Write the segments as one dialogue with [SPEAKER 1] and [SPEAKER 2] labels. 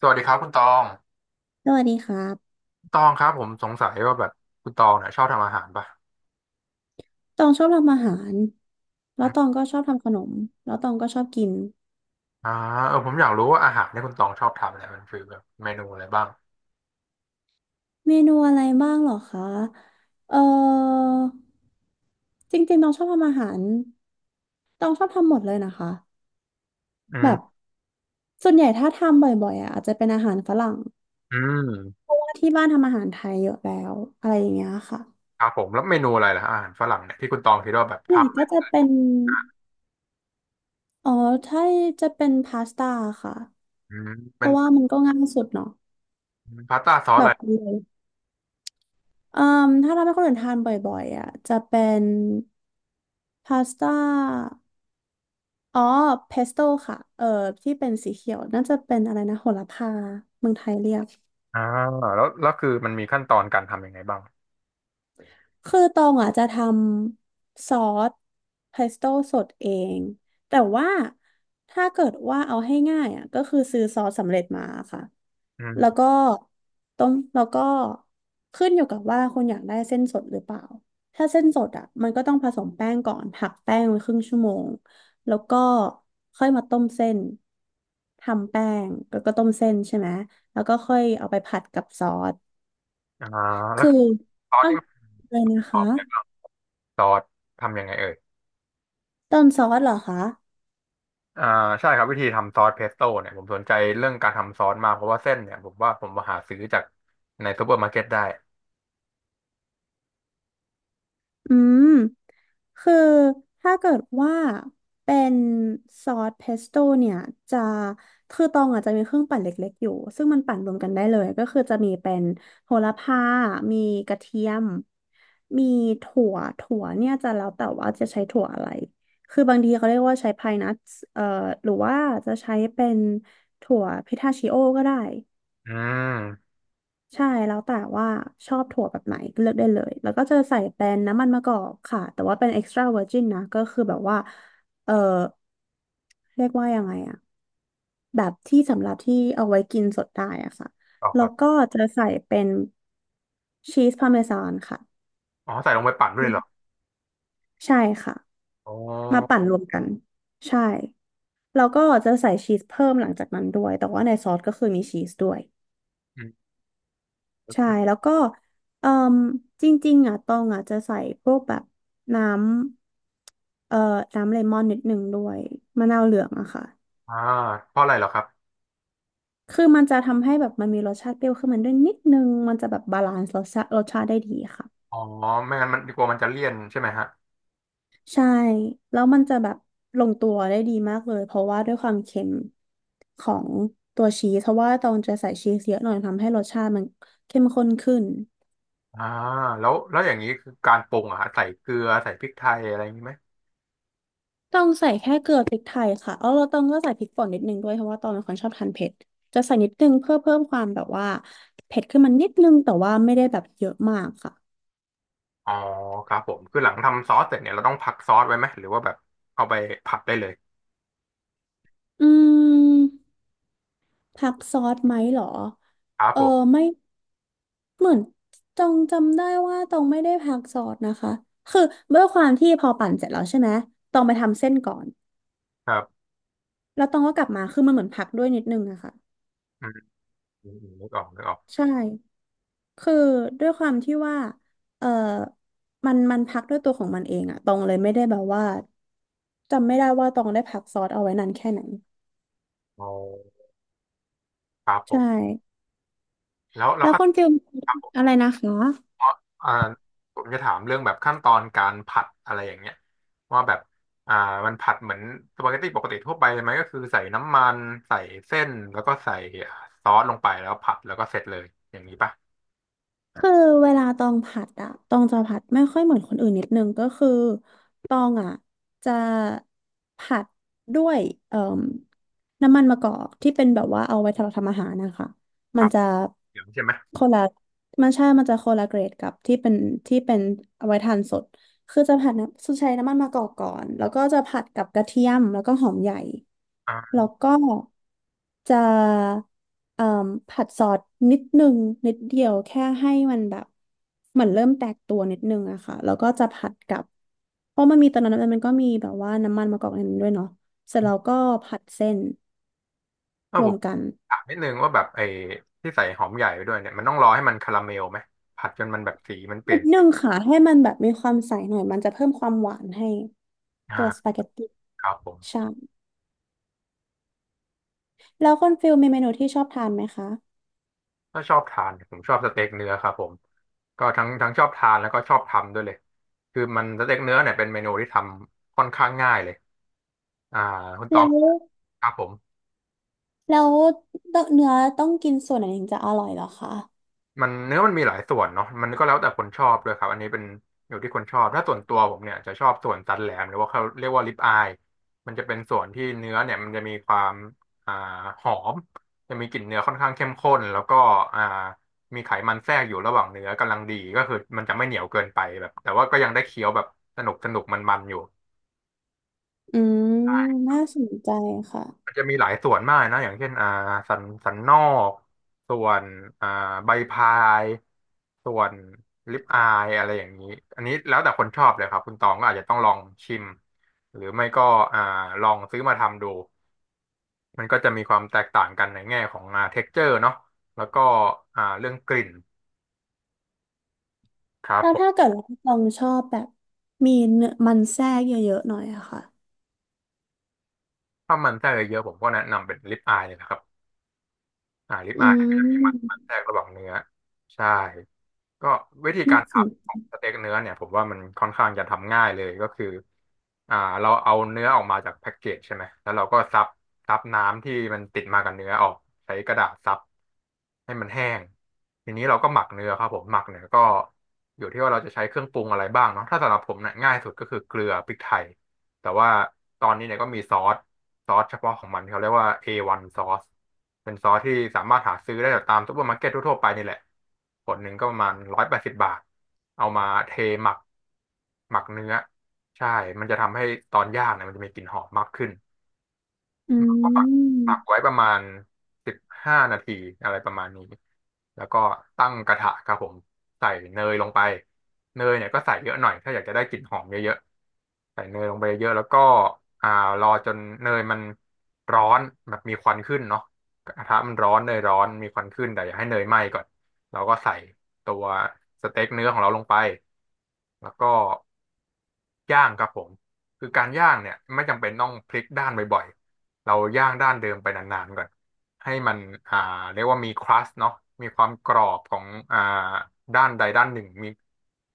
[SPEAKER 1] สวัสดีครับคุณตอง
[SPEAKER 2] สวัสดีครับ
[SPEAKER 1] ตองครับผมสงสัยว่าแบบคุณตองเนี่ยชอบทำอาหารป่ะ
[SPEAKER 2] ตองชอบทำอาหารแล้ว
[SPEAKER 1] อ
[SPEAKER 2] ตอง
[SPEAKER 1] ม
[SPEAKER 2] ก็ชอบทำขนมแล้วตองก็ชอบกิน
[SPEAKER 1] อ่าเออผมอยากรู้ว่าอาหารที่คุณตองชอบทำเนี่ยมันคือแบบเมนูอะไรบ้าง
[SPEAKER 2] เมนูอะไรบ้างเหรอคะเออจริงๆตองชอบทำอาหารตองชอบทำหมดเลยนะคะ
[SPEAKER 1] อื
[SPEAKER 2] แบบ
[SPEAKER 1] ม
[SPEAKER 2] ส่วนใหญ่ถ้าทำบ่อยๆอ่ะอาจจะเป็นอาหารฝรั่ง
[SPEAKER 1] อื
[SPEAKER 2] เพ
[SPEAKER 1] ม
[SPEAKER 2] ราะว่าที่บ้านทำอาหารไทยเยอะแล้ว อะไรอย่างเงี้ยค่ะ
[SPEAKER 1] ครับผมแล้วเมนูอะไรล่ะอาหารฝรั่งเนี่ยที่คุณตองคิดว่าแบบ
[SPEAKER 2] ส่
[SPEAKER 1] ท
[SPEAKER 2] วนใหญ่ก็จะเป็นอ๋อถ้าจะเป็นพาสต้าค่ะ
[SPEAKER 1] ำอืม
[SPEAKER 2] เพ
[SPEAKER 1] เป็น
[SPEAKER 2] ราะว่ามันก็ง่ายสุดเนาะ
[SPEAKER 1] พาสต้าซอส
[SPEAKER 2] แบ
[SPEAKER 1] อะไร
[SPEAKER 2] บเลย เอ่มถ้าเราให้คนอื่นทานบ่อยๆอ่ะจะเป็นพาสต้าอ๋อเพสโต้ค่ะที่เป็นสีเขียวน่าจะเป็นอะไรนะโหระพาเมืองไทยเรียก
[SPEAKER 1] อ่าแล้วคือมันมีขั้นตอนการทำยังไงบ้าง
[SPEAKER 2] คือตองอ่ะจะทำซอสเพสโต้สดเองแต่ว่าถ้าเกิดว่าเอาให้ง่ายอ่ะก็คือซื้อซอสสำเร็จมาค่ะ
[SPEAKER 1] อื
[SPEAKER 2] แล้ว
[SPEAKER 1] ม
[SPEAKER 2] ก็ต้มแล้วก็ขึ้นอยู่กับว่าคุณอยากได้เส้นสดหรือเปล่าถ้าเส้นสดอ่ะมันก็ต้องผสมแป้งก่อนหักแป้งไว้ครึ่งชั่วโมงแล้วก็ค่อยมาต้มเส้นทำแป้งแล้วก็ต้มเส้นใช่ไหมแล้วก็ค่อยเอาไปผัดกับซอส
[SPEAKER 1] อ่าแล้ว
[SPEAKER 2] คือ
[SPEAKER 1] ซอสนี่มัน
[SPEAKER 2] เลย
[SPEAKER 1] ป
[SPEAKER 2] นะ
[SPEAKER 1] ระกอบอะไร
[SPEAKER 2] คะ
[SPEAKER 1] บ้างซอสทำยังไงเอ่ย
[SPEAKER 2] ต้นซอสเหรอคะ
[SPEAKER 1] อ่าใช่ครับวิธีทำซอสเพสโต้เนี่ยผมสนใจเรื่องการทำซอสมากเพราะว่าเส้นเนี่ยผมว่าผมมาหาซื้อจากในซูเปอร์มาร์เก็ตได้
[SPEAKER 2] อืม คือถ้าเกิดว่าเป็นซอสเพสโต้เนี่ยจะคือตองอาจจะมีเครื่องปั่นเล็กๆอยู่ซึ่งมันปั่นรวมกันได้เลยก็คือจะมีเป็นโหระพามีกระเทียมมีถั่วถั่วเนี่ยจะแล้วแต่ว่าจะใช้ถั่วอะไรคือบางทีเขาเรียกว่าใช้พายนัทเอ่อหรือว่าจะใช้เป็นถั่วพิทาชิโอก็ได้
[SPEAKER 1] อืม
[SPEAKER 2] ใช่แล้วแต่ว่าชอบถั่วแบบไหนเลือกได้เลยแล้วก็จะใส่เป็นน้ำมันมะกอกค่ะแต่ว่าเป็น extra virgin นะก็คือแบบว่าเออเรียกว่ายังไงอะแบบที่สำหรับที่เอาไว้กินสดได้อะค่ะ
[SPEAKER 1] อ๋อค
[SPEAKER 2] แล้ว
[SPEAKER 1] รับ
[SPEAKER 2] ก็จะใส่เป็นชีสพาร์เมซานค่ะ
[SPEAKER 1] อ๋อใส่ลงไปปั่นด้วยเหรอ
[SPEAKER 2] ใช่ค่ะ
[SPEAKER 1] อ๋อ
[SPEAKER 2] มาปั่นรวมกันใช่แล้วก็จะใส่ชีสเพิ่มหลังจากนั้นด้วยแต่ว่าในซอสก็คือมีชีสด้วย
[SPEAKER 1] อืม
[SPEAKER 2] ใช่แล้วก็เอ่มจริงๆอ่ะตองอ่ะจะใส่พวกแบบน้ำน้ำเลมอนนิดหนึ่งด้วยมะนาวเหลืองอะค่ะ
[SPEAKER 1] อ่าเพราะอะไรเหรอครับ
[SPEAKER 2] คือมันจะทำให้แบบมันมีรสชาติเปรี้ยวขึ้นมาด้วยนิดนึงมันจะแบบบาลานซ์รสชาติได้ดีค่ะ
[SPEAKER 1] อ๋อไม่งั้นมันกลัวมันจะเลี่ยนใช่ไหมฮะ
[SPEAKER 2] ใช่แล้วมันจะแบบลงตัวได้ดีมากเลยเพราะว่าด้วยความเค็มของตัวชีสเพราะว่าตองจะใส่ชีสเยอะหน่อยทำให้รสชาติมันเข้มข้นขึ้น
[SPEAKER 1] อ่าแล้วอย่างนี้คือการปรุงอะฮะใส่เกลือใส่พริกไทยอะไรอย่างนี้ไหม
[SPEAKER 2] ต้องใส่แค่เกลือพริกไทยค่ะเอาเราต้องก็ใส่พริกป่นนิดนึงด้วยเพราะว่าตองเป็นคนชอบทานเผ็ดจะใส่นิดนึงเพื่อเพิ่มความแบบว่าเผ็ดขึ้นมานิดนึงแต่ว่าไม่ได้แบบเยอะมากค่ะ
[SPEAKER 1] อ๋อครับผมคือหลังทำซอสเสร็จเนี่ยเราต้องพักซอสไว้ไหมหรือว่าแบบเอาไปผัดได้เลย
[SPEAKER 2] อืมผักซอสไหมเหรอ
[SPEAKER 1] ครับ
[SPEAKER 2] เออ
[SPEAKER 1] ผม
[SPEAKER 2] ไม่เหมือนตองจำได้ว่าตองไม่ได้ผักซอสนะคะคือด้วยความที่พอปั่นเสร็จแล้วใช่ไหมตองไปทำเส้นก่อน
[SPEAKER 1] ครับ
[SPEAKER 2] แล้วตองก็กลับมาคือมันเหมือนผักด้วยนิดนึงอะค่ะ
[SPEAKER 1] อืมอืมอืมนึกออกนึกออก
[SPEAKER 2] ใช่ คือด้วยความที่ว่าเออมันพักด้วยตัวของมันเองอะตองเลยไม่ได้แบบว่าจำไม่ได้ว่าตองได้พักซอสเอาไว้นานแค่ไหน
[SPEAKER 1] อ๋อครับผ
[SPEAKER 2] ใช่
[SPEAKER 1] ม แล้วแล้
[SPEAKER 2] แล้
[SPEAKER 1] ว
[SPEAKER 2] ว
[SPEAKER 1] ขั้
[SPEAKER 2] ค
[SPEAKER 1] น
[SPEAKER 2] นฟิล
[SPEAKER 1] ครับผม
[SPEAKER 2] อะไรนะคะ
[SPEAKER 1] อ่าผมจะถามเรื่องแบบขั้นตอนการผัดอะไรอย่างเงี้ยว่าแบบอ่ามันผัดเหมือนสปาเกตตี้ปกติทั่วไปเลยไหมก็คือใส่น้ำมันใส่เส้นแล้วก็ใส่ซอสลงไปแล้วผัดแล้วก็เสร็จเลยอย่างนี้ป่ะ
[SPEAKER 2] คือเวลาตองผัดอะตองจะผัดไม่ค่อยเหมือนคนอื่นนิดนึงก็คือตองอะจะผัดด้วยเอ่มน้ำมันมะกอกที่เป็นแบบว่าเอาไว้สำหรับทำอาหารนะคะ
[SPEAKER 1] ค
[SPEAKER 2] มั
[SPEAKER 1] รั
[SPEAKER 2] น
[SPEAKER 1] บ
[SPEAKER 2] จะ
[SPEAKER 1] อย่างนี้ใช่ไหม
[SPEAKER 2] คนละมันใช่มันจะคนละเกรดกับที่เป็นที่เป็นเอาไว้ทานสด คือจะผัดน้ำใช้น้ำมันมะกอกก่อน แล้วก็จะผัดกับกระเทียมแล้วก็หอมใหญ่
[SPEAKER 1] อ่า
[SPEAKER 2] แล้วก็จะเอ่มผัดซอสนิดนึงนิดเดียวแค่ให้มันแบบเหมือนเริ่มแตกตัวนิดนึงอะค่ะแล้วก็จะผัดกับเพราะมันมีตอนนั้นมันก็มีแบบว่าน้ำมันมะกอกในนั้นด้วยเนาะเสร็จแล้วก็ผัดเส้น
[SPEAKER 1] แล้ว
[SPEAKER 2] ร
[SPEAKER 1] ผ
[SPEAKER 2] วม
[SPEAKER 1] ม
[SPEAKER 2] กัน
[SPEAKER 1] ถามนิดนึงว่าแบบไอ้ที่ใส่หอมใหญ่ไปด้วยเนี่ยมันต้องรอให้มันคาราเมลไหมผัดจนมันแบบสีมันเปลี่
[SPEAKER 2] นิ
[SPEAKER 1] ยน
[SPEAKER 2] ดนึงค่ะให้มันแบบมีความใสหน่อยมันจะเพิ่มความหวานให้ตัวส
[SPEAKER 1] อ่า
[SPEAKER 2] ปาเกตตี้
[SPEAKER 1] ครับผม
[SPEAKER 2] ใช่ แล้วคุณฟิลมีเมนูที่ชอบทานไหมคะ
[SPEAKER 1] ก็ชอบทานผมชอบสเต็กเนื้อครับผมก็ทั้งชอบทานแล้วก็ชอบทำด้วยเลยคือมันสเต็กเนื้อเนี่ยเป็นเมนูที่ทำค่อนข้างง่ายเลยอ่าคุณตอ
[SPEAKER 2] แล้
[SPEAKER 1] ง
[SPEAKER 2] ว
[SPEAKER 1] ครับผม
[SPEAKER 2] แล้วต้องเนื้อต้องกินส่วนไหนถึงจะอร่อยเหรอคะ
[SPEAKER 1] มันเนื้อมันมีหลายส่วนเนาะมันก็แล้วแต่คนชอบด้วยครับอันนี้เป็นอยู่ที่คนชอบถ้าส่วนตัวผมเนี่ยจะชอบส่วนสันแหลมหรือว่าเขาเรียกว่าริบอายมันจะเป็นส่วนที่เนื้อเนี่ยมันจะมีความอ่าหอมจะมีกลิ่นเนื้อค่อนข้างเข้มข้นแล้วก็อ่ามีไขมันแทรกอยู่ระหว่างเนื้อกำลังดีก็คือมันจะไม่เหนียวเกินไปแบบแต่ว่าก็ยังได้เคี้ยวแบบสนุกสนุกมันๆอยู่
[SPEAKER 2] อืมน่าสนใจค่ะ
[SPEAKER 1] มันจะมีหลายส่วนมากนะอย่างเช่นอ่าสันนอกส่วนอ่าใบพายส่วนลิปอายอะไรอย่างนี้อันนี้แล้วแต่คนชอบเลยครับคุณตองก็อาจจะต้องลองชิมหรือไม่ก็อ่าลองซื้อมาทำดูมันก็จะมีความแตกต่างกันในแง่ของอ่า ture เจอเนาะแล้วก็เรื่องกลิ่นครับ
[SPEAKER 2] แล้ว
[SPEAKER 1] ผ
[SPEAKER 2] ถ้า
[SPEAKER 1] ม
[SPEAKER 2] เกิดว่าตองชอบแบบมีเนื้อมันแทรกเยอะๆหน่อยอะค่ะ
[SPEAKER 1] ถ้ามันแทรกเยอะๆผมก็แนะนำเป็นลิปอายเลยนะครับ ริบ
[SPEAKER 2] อื
[SPEAKER 1] อายมันจะมีมัน
[SPEAKER 2] ม
[SPEAKER 1] แทรกระหว่างเนื้อใช่ก็วิธีกา
[SPEAKER 2] น่า
[SPEAKER 1] ร
[SPEAKER 2] สน
[SPEAKER 1] ทำของสเต็กเนื้อเนี่ยผมว่ามันค่อนข้างจะทำง่ายเลยก็คืออ่าเราเอาเนื้อออกมาจากแพ็กเกจใช่ไหมแล้วเราก็ซับน้ำที่มันติดมากับเนื้อออกใช้กระดาษซับให้มันแห้งทีนี้เราก็หมักเนื้อครับผมหมักเนี่ยก็อยู่ที่ว่าเราจะใช้เครื่องปรุงอะไรบ้างเนาะถ้าสำหรับผมเนี่ยง่ายสุดก็คือเกลือพริกไทย แต่ว่าตอนนี้เนี่ยก็มีซอสเฉพาะของมันที่เขาเรียกว่า A1 ซอสเป็นซอสที่สามารถหาซื้อได้จากตามซุปเปอร์มาร์เก็ตทั่วๆไปนี่แหละขวดหนึ่งก็ประมาณ180 บาทเอามาเทหมักหมักเนื้อใช่มันจะทำให้ตอนย่างเนี่ยมันจะมีกลิ่นหอมมากขึ้น
[SPEAKER 2] อื
[SPEAKER 1] ก็ปัก
[SPEAKER 2] ม
[SPEAKER 1] ปักไว้ประมาณ15 นาทีอะไรประมาณนี้แล้วก็ตั้งกระทะครับผมใส่เนยลงไปเนยเนี่ยก็ใส่เยอะหน่อยถ้าอยากจะได้กลิ่นหอมเยอะๆใส่เนยลงไปเยอะแล้วก็อ่ารอจนเนยมันร้อนแบบมีควันขึ้นเนาะกระทะมันร้อนเนยร้อน มีควันขึ้นแต่อย่าให้เนยไหม้ก่อนเราก็ใส่ตัวสเต็กเนื้อของเราลงไปแล้วก็ ย่างครับผมคือการย่างเนี่ยไม่จำเป็นต้องพลิกด้านบ่อยๆเราย่างด้านเดิมไปนานๆก่อนให้มันอ่าเรียกว่ามีครัสเนาะมีความกรอบของอ่าด้านใดด้านหนึ่งมี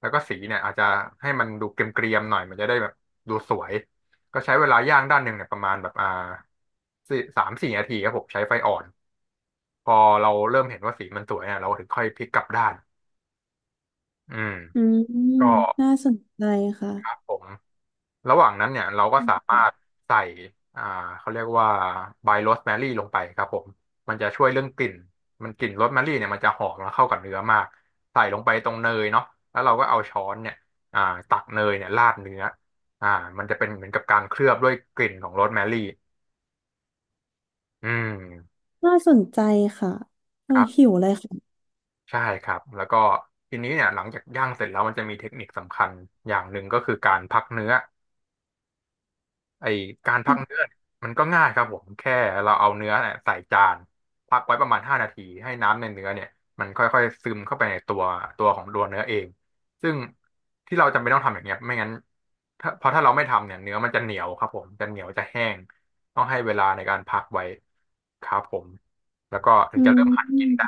[SPEAKER 1] แล้วก็สีเนี่ยอาจจะให้มันดูเกรียมๆหน่อยมันจะได้แบบดูสวยก็ใช้เวลาย่างด้านหนึ่งเนี่ยประมาณแบบสามสี่นาทีครับผมใช้ไฟอ่อนพอเราเริ่มเห็นว่าสีมันสวยเนี่ยเราถึงค่อยพลิกกลับด้านอืม
[SPEAKER 2] อืม
[SPEAKER 1] ก็
[SPEAKER 2] น่าสนใจค่ะ
[SPEAKER 1] ครับผมระหว่างนั้นเนี่ยเราก็
[SPEAKER 2] อื
[SPEAKER 1] สามารถ
[SPEAKER 2] ม
[SPEAKER 1] ใส่อ่าเขาเรียกว่าใบโรสแมรี่ลงไปครับผมมันจะช่วยเรื่องกลิ่นมันกลิ่นโรสแมรี่เนี่ยมันจะหอมแล้วเข้ากับเนื้อมากใส่ลงไปตรงเนยเนาะแล้วเราก็เอาช้อนเนี่ยอ่าตักเนยเนี่ยราดเนื้ออ่ามันจะเป็นเหมือนกับการเคลือบด้วยกลิ่นของโรสแมรี่อืม
[SPEAKER 2] น่าสนใจค่ะโอ้
[SPEAKER 1] ครั
[SPEAKER 2] หิ
[SPEAKER 1] บ
[SPEAKER 2] วเลยค่ะ
[SPEAKER 1] ใช่ครับแล้วก็ทีนี้เนี่ยหลังจากย่างเสร็จแล้วมันจะมีเทคนิคสำคัญอย่างหนึ่งก็คือการพักเนื้อ ไอการพักเนื้อเนี่ยมันก็ง่ายครับผมแค่เราเอาเนื้อเนี่ยใส่จานพักไว้ประมาณ5 นาทีให้น้ำในเนื้อเนี่ยมันค่อยๆซึมเข้าไปในตัวตัวของตัวเนื้อเองซึ่งที่เราจำเป็นต้องทำอย่างเงี้ยไม่งั้นเพราะถ้าเราไม่ทำเนี่ยเนื้อมันจะเหนียวครับผมจะเหนียวจะแห้งต้องให้เวลาในการพักไว้ครับผมแล้วก็ถึง
[SPEAKER 2] อื
[SPEAKER 1] จะเริ่มหั่นกินได้
[SPEAKER 2] ม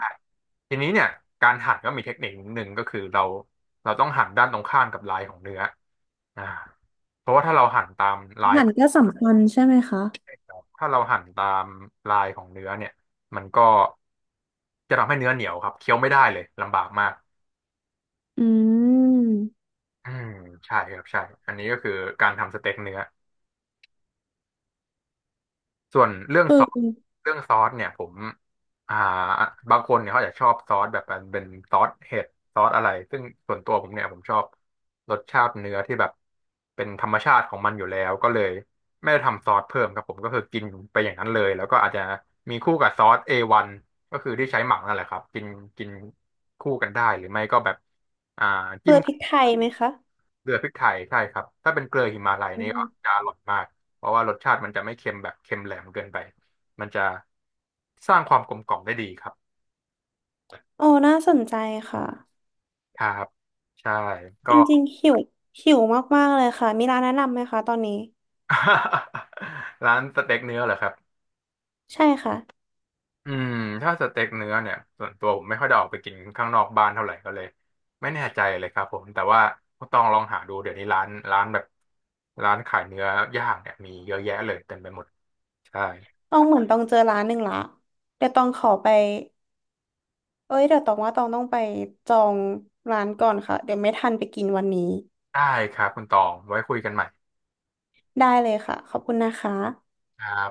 [SPEAKER 1] ทีนี้เนี่ยการหั่นก็มีเทคนิคหนึ่งก็คือเราต้องหั่นด้านตรงข้ามกับลายของเนื้ออ่าเพราะว่าถ้าเราหั่นตามลา
[SPEAKER 2] อา
[SPEAKER 1] ย
[SPEAKER 2] หารก็สำคัญใช่ไหมคะ
[SPEAKER 1] ถ้าเราหั่นตามลายของเนื้อเนี่ยมันก็จะทำให้เนื้อเหนียวครับเคี้ยวไม่ได้เลยลำบากมาก
[SPEAKER 2] อืม
[SPEAKER 1] อืมใช่ครับใช่อันนี้ก็คือการทำสเต็กเนื้อ ส่วนเรื่อง
[SPEAKER 2] คื
[SPEAKER 1] ซอส
[SPEAKER 2] อ
[SPEAKER 1] เรื่องซอสเนี่ยผมอ่าบางคนเนี่ยเขาอาจจะชอบซอสแบบเป็นซอสเห็ดซอสอะไรซึ่งส่วนตัวผมเนี่ยผมชอบรสชาติเนื้อที่แบบเป็นธรรมชาติของมันอยู่แล้วก็เลยไม่ได้ทำซอสเพิ่มครับผมก็คือกินไปอย่างนั้นเลยแล้วก็อาจจะมีคู่กับซอส a นก็คือที่ใช้หมักนั่นแหละครับกินกินคู่กันได้หรือไม่ก็แบบอ่า
[SPEAKER 2] เก
[SPEAKER 1] จิ้
[SPEAKER 2] ลื
[SPEAKER 1] ม
[SPEAKER 2] อพริกไทยไหมคะ
[SPEAKER 1] เกลือพริกไทยใช่ครับถ้าเป็นเกลือหิมาลัย
[SPEAKER 2] อื
[SPEAKER 1] นี่ก็
[SPEAKER 2] ม
[SPEAKER 1] จะอร่อยมากเพราะว่ารสชาติมันจะไม่เค็มแบบเค็มแหลมเกินไปมันจะสร้างความกลมกล่อมได้ดีครับ
[SPEAKER 2] โอ้น่าสนใจค่ะ
[SPEAKER 1] ครับใช่ก็
[SPEAKER 2] จริงๆ หิว หิวมากๆเลยค่ะ มีร้านแนะนำไหมคะตอนนี้
[SPEAKER 1] ร้านสเต็กเนื้อเหรอครับ
[SPEAKER 2] ใช่ค่ะ
[SPEAKER 1] อืมถ้าสเต็กเนื้อเนี่ยส่วนตัวผมไม่ค่อยได้ออกไปกินข้างนอกบ้านเท่าไหร่ก็เลยไม่แน่ใจเลยครับผมแต่ว่าต้องลองหาดูเดี๋ยวนี้ร้านแบบร้านขายเนื้อย่างเนี่ยมีเยอะแยะเลยเต็มไปหมดใช่
[SPEAKER 2] ต้องเหมือนต้องเจอร้านหนึ่งละ เดี๋ยวต้องขอไปเอ้ยเดี๋ยวต้องว่าต้องไปจองร้านก่อนค่ะ เดี๋ยวไม่ทันไปกินวันนี้
[SPEAKER 1] ได้ครับคุณตองไว้คุยกันใหม่
[SPEAKER 2] ได้เลยค่ะ ขอบคุณนะคะ
[SPEAKER 1] ครับ